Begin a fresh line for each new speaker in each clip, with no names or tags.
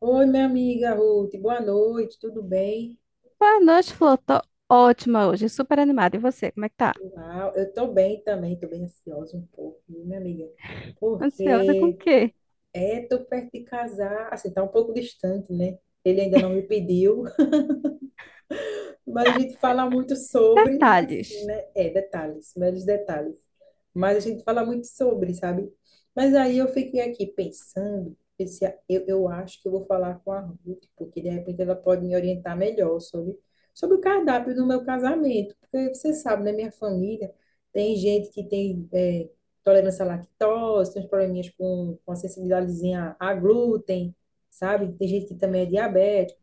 Oi, minha amiga Ruth, boa noite, tudo bem?
Boa noite, Flor. Tô ótima hoje, super animada. E você, como é que tá?
Uau, eu tô bem também, tô bem ansiosa um pouco, viu, minha amiga,
Ansiosa com o
porque
quê?
tô perto de casar, assim, tá um pouco distante, né? Ele ainda não me pediu. Mas a gente fala muito sobre, e
Detalhes.
assim, né? É, detalhes, meros detalhes. Mas a gente fala muito sobre, sabe? Mas aí eu fiquei aqui pensando, pensei, ah, eu acho que eu vou falar com a Ruth, porque de repente ela pode me orientar melhor sobre o cardápio do meu casamento. Porque você sabe, né? Minha família tem gente que tem tolerância à lactose, tem uns probleminhas com a sensibilidadezinha a glúten, sabe? Tem gente que também é diabética.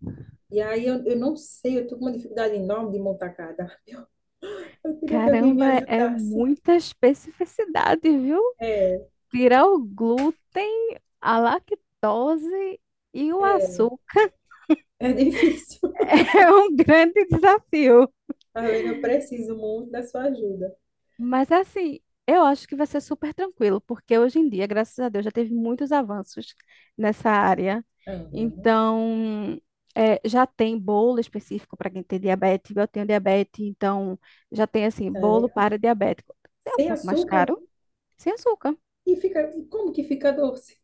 E aí eu não sei, eu tô com uma dificuldade enorme de montar cardápio. Eu queria que alguém me
Caramba, é
ajudasse.
muita especificidade, viu?
É,
Tirar o glúten, a lactose e o
é,
açúcar
é difícil.
é um grande desafio.
Tá vendo? Eu preciso muito da sua ajuda.
Mas assim, eu acho que vai ser super tranquilo, porque hoje em dia, graças a Deus, já teve muitos avanços nessa área.
Aham,
Então, já tem bolo específico para quem tem diabetes. Eu tenho diabetes, então já tem assim, bolo
sério.
para diabético. É um
Sem
pouco mais
açúcar
caro, sem açúcar.
e fica, e como que fica doce?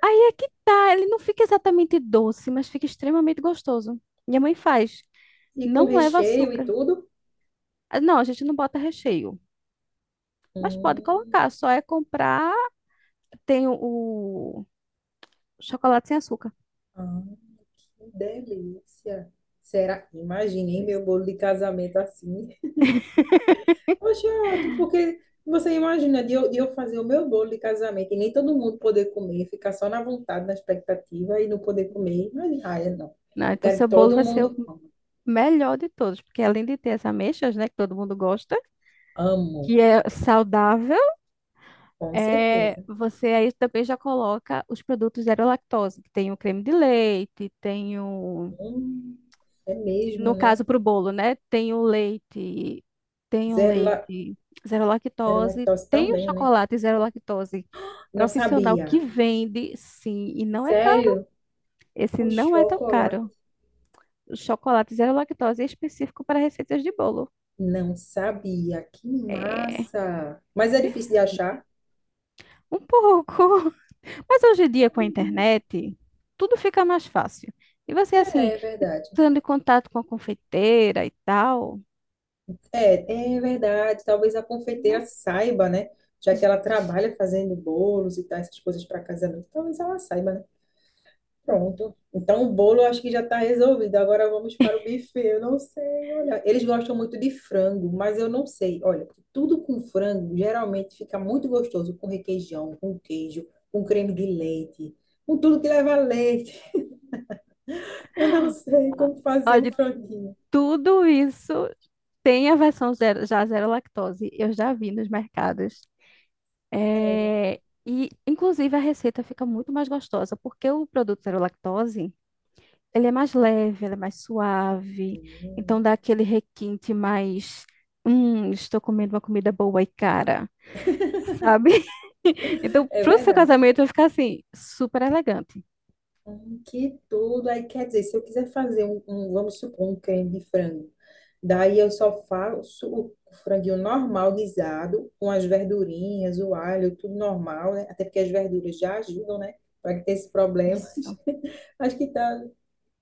Aí é que tá, ele não fica exatamente doce, mas fica extremamente gostoso. Minha mãe faz,
E com
não leva
recheio e
açúcar.
tudo?
Ah, não, a gente não bota recheio, mas pode
Hum,
colocar, só é comprar tem o chocolate sem açúcar.
ah, que delícia. Será? Imaginei
Pois
meu bolo de casamento assim. Poxa, é ótimo, porque você imagina de eu fazer o meu bolo de casamento e nem todo mundo poder comer, ficar só na vontade, na expectativa e não poder comer. Mas, ai, não.
não,
Eu
então
quero
seu
que
bolo
todo
vai ser o
mundo coma.
melhor de todos, porque além de ter as ameixas, né, que todo mundo gosta,
Amo,
que é saudável,
com certeza.
você aí também já coloca os produtos zero lactose, que tem o creme de leite, tem o,
Hum, é mesmo,
no
né?
caso para o bolo, né, tem o
Zero, la,
leite zero
zero
lactose,
lactose
tem o
também, né?
chocolate zero lactose
Não
profissional que
sabia.
vende, sim, e não é caro.
Sério?
Esse
O
não é tão
chocolate?
caro. Chocolate zero lactose é específico para receitas de bolo.
Não sabia. Que
É,
massa! Mas é difícil de
perfeito.
achar?
Um pouco. Mas hoje em dia,
Ai,
com a
meu Deus.
internet, tudo fica mais fácil. E você, assim,
É, é verdade.
entrando em contato com a confeiteira e tal,
É, é verdade. Talvez a
né?
confeiteira saiba, né? Já que ela trabalha fazendo bolos e tal, essas coisas para casamento, talvez ela saiba, né? Pronto. Então o bolo eu acho que já está resolvido. Agora vamos para o buffet. Eu não sei, olha. Eles gostam muito de frango, mas eu não sei. Olha, tudo com frango geralmente fica muito gostoso, com requeijão, com queijo, com creme de leite, com tudo que leva leite. Eu não sei como fazer um
Olha,
franguinho.
tudo isso tem a versão zero, já zero lactose. Eu já vi nos mercados.
Sério.
É, e, inclusive, a receita fica muito mais gostosa, porque o produto zero lactose, ele é mais leve, ele é mais suave, então
Hum,
dá aquele requinte mais, estou comendo uma comida boa e cara, sabe? Então,
É
pro seu
verdade.
casamento vai ficar assim, super elegante.
Que tudo. Aí quer dizer, se eu quiser fazer vamos supor, um creme de frango, daí eu só faço o franguinho normal guisado, com as verdurinhas, o alho, tudo normal, né? Até porque as verduras já ajudam, né? Para que ter esses problemas.
Isso.
Acho que tá,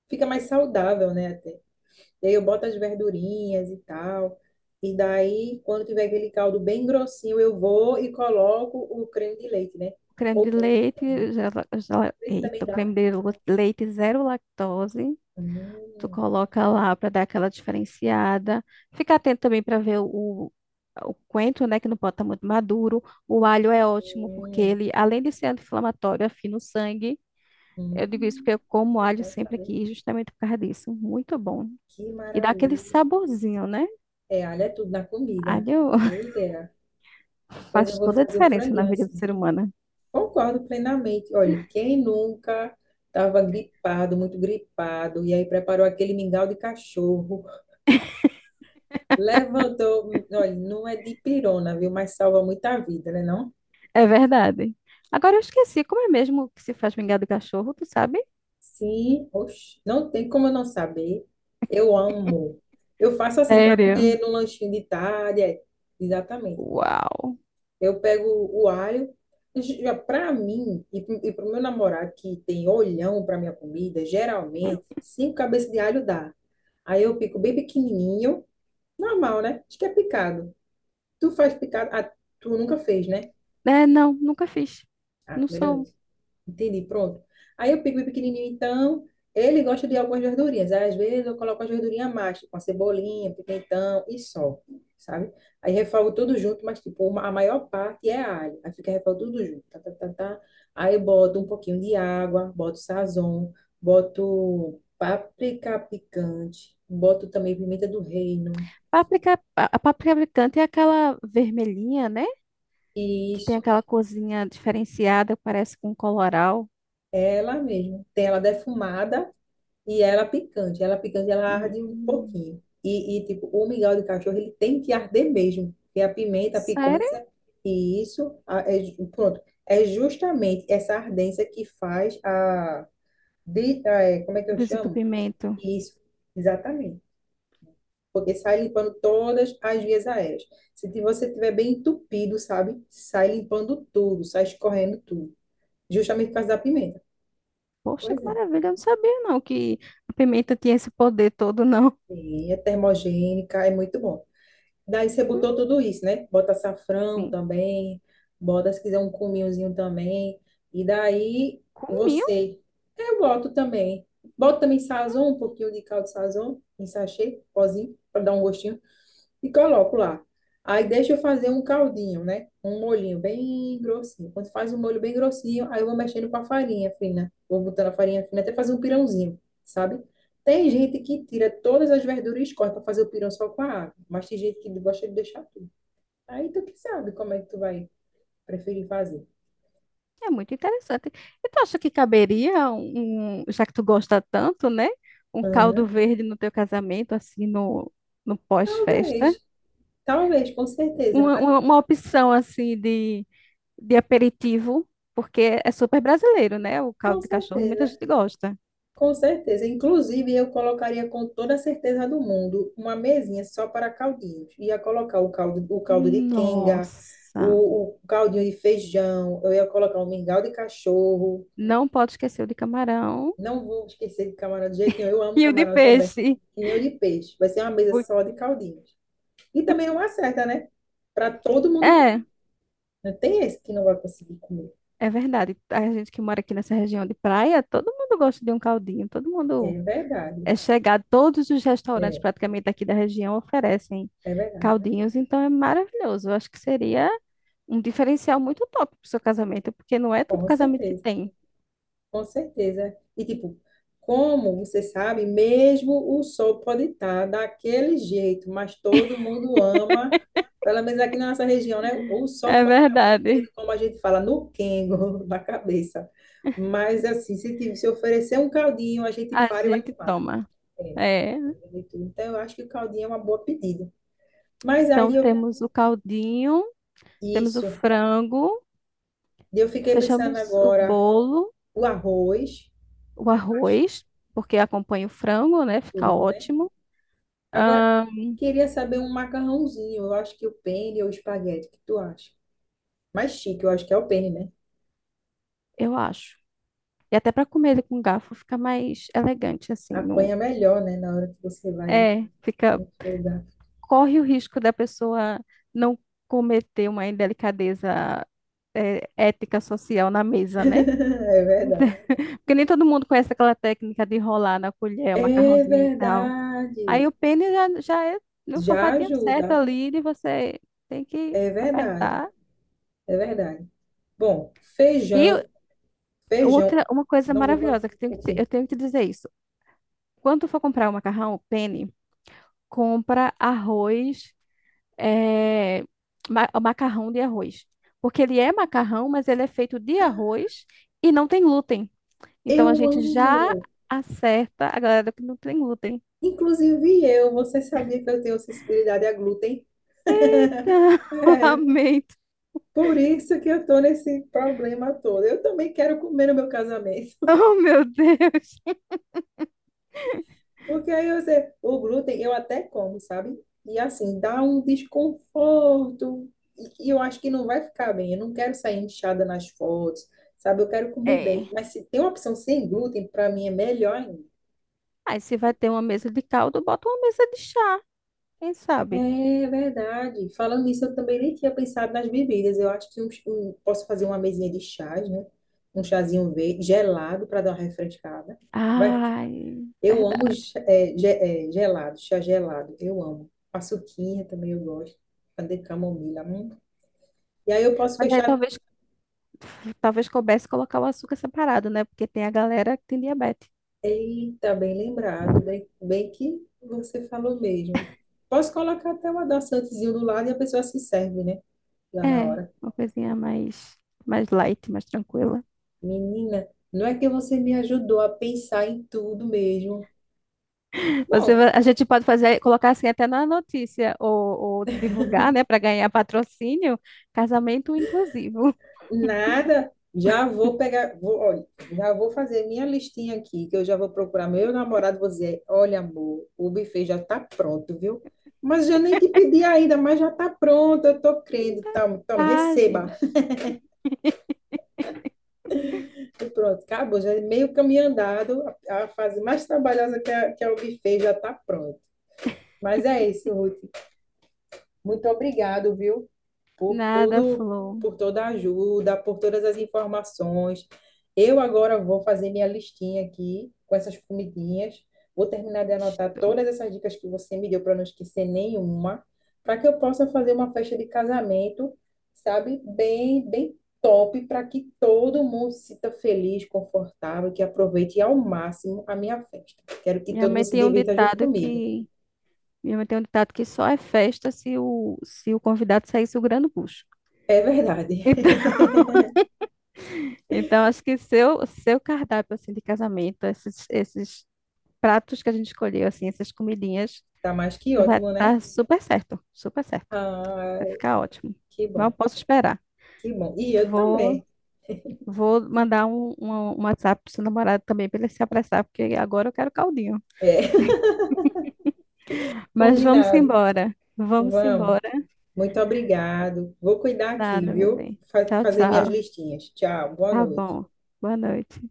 fica mais saudável, né? Até. E aí eu boto as verdurinhas e tal. E daí, quando tiver aquele caldo bem grossinho, eu vou e coloco o creme de leite, né?
Creme
Ou
de
leite,
leite,
leite também
eita, o
dá.
leite zero lactose. Tu
Hum,
coloca lá para dar aquela diferenciada. Fica atento também para ver o coentro, né, que não pode estar muito maduro. O alho é ótimo porque
hum.
ele, além de ser anti-inflamatório, afina o sangue. Eu digo isso
Hum,
porque eu como
que
alho
bom
sempre
saber.
aqui, justamente por causa disso. Muito bom.
Que
E dá aquele
maravilha.
saborzinho, né?
É, alho é tudo na comida.
Alho
Boa ideia. Pois eu
faz
vou
toda a
fazer um
diferença na
franguinho
vida do
assim.
ser humano.
Concordo plenamente. Olha, quem nunca estava gripado, muito gripado, e aí preparou aquele mingau de cachorro, levantou. Olha, não é de pirona, viu? Mas salva muita vida, né, não?
É verdade. Agora eu esqueci, como é mesmo que se faz mingau de cachorro, tu sabe?
Sim, oxe, não tem como eu não saber. Eu amo. Eu faço assim para
Sério?
comer no lanchinho de tarde. Exatamente.
Uau.
Eu pego o alho. Já para mim e para o meu namorado que tem olhão para minha comida, geralmente 5 cabeças de alho dá. Aí eu pico bem pequenininho, normal, né? Acho que é picado. Tu faz picado? Ah, tu nunca fez, né?
Não, nunca fiz.
Ah,
Não
primeira
sou.
vez. Entendi, pronto. Aí eu pico o pequenininho, então, ele gosta de algumas verdurinhas. Aí, às vezes eu coloco as verdurinhas a mais, tipo uma cebolinha, pimentão e só, sabe? Aí refogo tudo junto, mas tipo, a maior parte é alho. Aí fica refogo tudo junto, tá, tá, tá, tá. Aí eu boto um pouquinho de água, boto sazon, boto páprica picante, boto também pimenta do reino.
Páprica, a páprica picante é aquela vermelhinha, né? Que tem
Isso,
aquela corzinha diferenciada, parece com coloral.
ela mesmo. Tem ela defumada. E ela é picante, ela arde um
Hum.
pouquinho. Tipo, o mingau de cachorro, ele tem que arder mesmo. Porque a pimenta, a
Sério?
picância, pronto. É justamente essa ardência que faz é, como é que eu chamo?
Desentupimento.
Isso, exatamente. Porque sai limpando todas as vias aéreas. Se ti- Você tiver bem entupido, sabe? Sai limpando tudo, sai escorrendo tudo. Justamente por causa da pimenta.
Poxa,
Pois
que
é.
maravilha. Eu não sabia, não, que a pimenta tinha esse poder todo, não.
Sim, é termogênica, é muito bom. Daí você botou
Hum,
tudo isso, né? Bota açafrão
sim,
também, bota se quiser um cominhozinho também. E daí
comiam.
você, eu boto também. Bota também sazon, um pouquinho de caldo sazon em sachê, pozinho, para dar um gostinho e coloco lá. Aí deixa eu fazer um caldinho, né? Um molhinho bem grossinho. Quando faz um molho bem grossinho, aí eu vou mexendo com a farinha fina. Vou botando a farinha fina até fazer um pirãozinho, sabe? Tem gente que tira todas as verduras e escorre para fazer o pirão só com a água, mas tem gente que gosta de deixar tudo. Aí tu que sabe como é que tu vai preferir fazer.
É muito interessante. E tu acha que caberia já que tu gosta tanto, né? Um caldo
Aham,
verde no teu casamento, assim, no pós-festa?
Talvez, com certeza, ah,
Uma opção, assim, de aperitivo, porque é super brasileiro, né? O
com
caldo de cachorro, muita
certeza.
gente gosta.
Com certeza. Inclusive, eu colocaria com toda a certeza do mundo uma mesinha só para caldinhos. Ia colocar o caldo de quenga,
Nossa!
o caldinho de feijão, eu ia colocar um mingau de cachorro.
Não pode esquecer o de camarão
Não vou esquecer de camarão de jeito nenhum. Eu amo
e o de
camarão também.
peixe.
E nem o de peixe. Vai ser uma mesa
Por-
só de caldinhos. E também é uma certa, né? Para todo mundo comer.
É.
Não tem esse que não vai conseguir comer.
É verdade. A gente que mora aqui nessa região de praia, todo mundo gosta de um caldinho, todo mundo
É verdade.
é chegado, todos os restaurantes
É,
praticamente aqui da região oferecem
é verdade.
caldinhos, então é maravilhoso. Eu acho que seria um diferencial muito top para o seu casamento, porque não é todo
Com
casamento que
certeza.
tem.
Com certeza. E tipo, como você sabe, mesmo o sol pode estar daquele jeito, mas todo mundo ama, pelo menos aqui na nossa região, né? O sol
É
pode estar batendo,
verdade.
como a gente fala, no quengo, na cabeça. Mas assim, se oferecer um caldinho, a gente
A
para e vai
gente
tomar.
toma.
É.
É.
Então, eu acho que o caldinho é uma boa pedida. Mas
Então
aí, eu,
temos o caldinho, temos o
isso.
frango,
Eu fiquei pensando
fechamos o
agora,
bolo,
o arroz,
o
tu acha
arroz, porque acompanha o frango, né? Fica
tudo, né?
ótimo.
Agora,
Ahn,
queria saber um macarrãozinho. Eu acho que o penne ou espaguete, o que tu acha? Mais chique, eu acho que é o penne, né?
eu acho. E até para comer ele com garfo fica mais elegante, assim. Não,
Apanha melhor, né, na hora que você vai em
fica,
outro lugar.
corre o risco da pessoa não cometer uma indelicadeza ética social na mesa, né?
É verdade.
Porque nem todo mundo conhece aquela técnica de enrolar na colher o
É
macarrãozinho e tal. Aí o
verdade.
pene já, já é no
Já
formatinho certo
ajuda.
ali, de você tem que
É verdade.
apertar.
É verdade. Bom,
E
feijão.
outra, uma coisa
Não vou falar
maravilhosa que
o quê?
eu tenho que te dizer isso. Quando tu for comprar o macarrão, o pene, compra arroz é, macarrão de arroz. Porque ele é macarrão, mas ele é feito de arroz e não tem glúten. Então a
Eu
gente já
amo.
acerta a galera que não tem glúten.
Inclusive eu, você sabia que eu tenho sensibilidade a glúten? É.
Lamento.
Por isso que eu estou nesse problema todo. Eu também quero comer no meu casamento.
Oh, meu Deus.
Porque aí eu sei, o glúten eu até como, sabe? E assim, dá um desconforto. E eu acho que não vai ficar bem. Eu não quero sair inchada nas fotos, sabe? Eu quero comer
É.
bem. Mas se tem uma opção sem glúten, para mim é melhor ainda.
Aí se vai ter uma mesa de caldo, bota uma mesa de chá, quem sabe?
É verdade. Falando nisso, eu também nem tinha pensado nas bebidas. Eu acho que posso fazer uma mesinha de chás, né? Um chazinho verde, gelado, para dar uma refrescada. Vai,
Ai,
eu amo,
verdade.
gelado, chá gelado. Eu amo. Paçoquinha também eu gosto. A de camomila. Hum. E aí eu posso
Mas aí
fechar.
talvez, talvez coubesse colocar o açúcar separado, né? Porque tem a galera que tem diabetes.
Eita, bem lembrado. Bem que você falou mesmo. Posso colocar até um adoçantezinho do lado e a pessoa se serve, né? Lá na
É,
hora.
mais light, mais tranquila.
Menina, não é que você me ajudou a pensar em tudo mesmo. Bom,
A gente pode fazer, colocar assim até na notícia ou divulgar, né, para ganhar patrocínio, casamento inclusivo.
nada. Já vou pegar, vou, olha, já vou fazer minha listinha aqui, que eu já vou procurar meu namorado, vou dizer, olha, amor, o buffet já tá pronto, viu? Mas já nem te pedi ainda, mas já tá pronto, eu tô crendo, tome, tome,
Ah,
receba.
diz.
E pronto, acabou, já é meio caminho andado, a fase mais trabalhosa que é o buffet já tá pronto. Mas é isso, Ruth. Muito obrigado, viu, por
Nada,
tudo,
Flor.
por toda a ajuda, por todas as informações. Eu agora vou fazer minha listinha aqui com essas comidinhas. Vou terminar de anotar
Isto.
todas essas dicas que você me deu para não esquecer nenhuma, para que eu possa fazer uma festa de casamento, sabe, bem top, para que todo mundo se sinta feliz, confortável, que aproveite ao máximo a minha festa. Quero que
Minha
todo mundo
mãe
se
tem um
divirta junto
ditado
comigo.
que só é festa se o convidado sair segurando o bucho.
É verdade.
Então, então acho que seu cardápio assim de casamento, esses pratos que a gente escolheu assim, essas comidinhas,
Tá mais que
vai
ótimo, né?
dar super certo, super certo.
Ai,
Vai ficar ótimo.
que
Não
bom,
posso esperar.
que bom. E eu também.
Vou, vou mandar um WhatsApp pro seu namorado também para ele se apressar, porque agora eu quero caldinho.
É,
Mas vamos
combinado.
embora. Vamos
Vamos.
embora.
Muito obrigado. Vou cuidar aqui,
Nada, meu
viu?
bem. Tchau,
Fazer minhas
tchau.
listinhas. Tchau, boa
Tá
noite.
bom. Boa noite.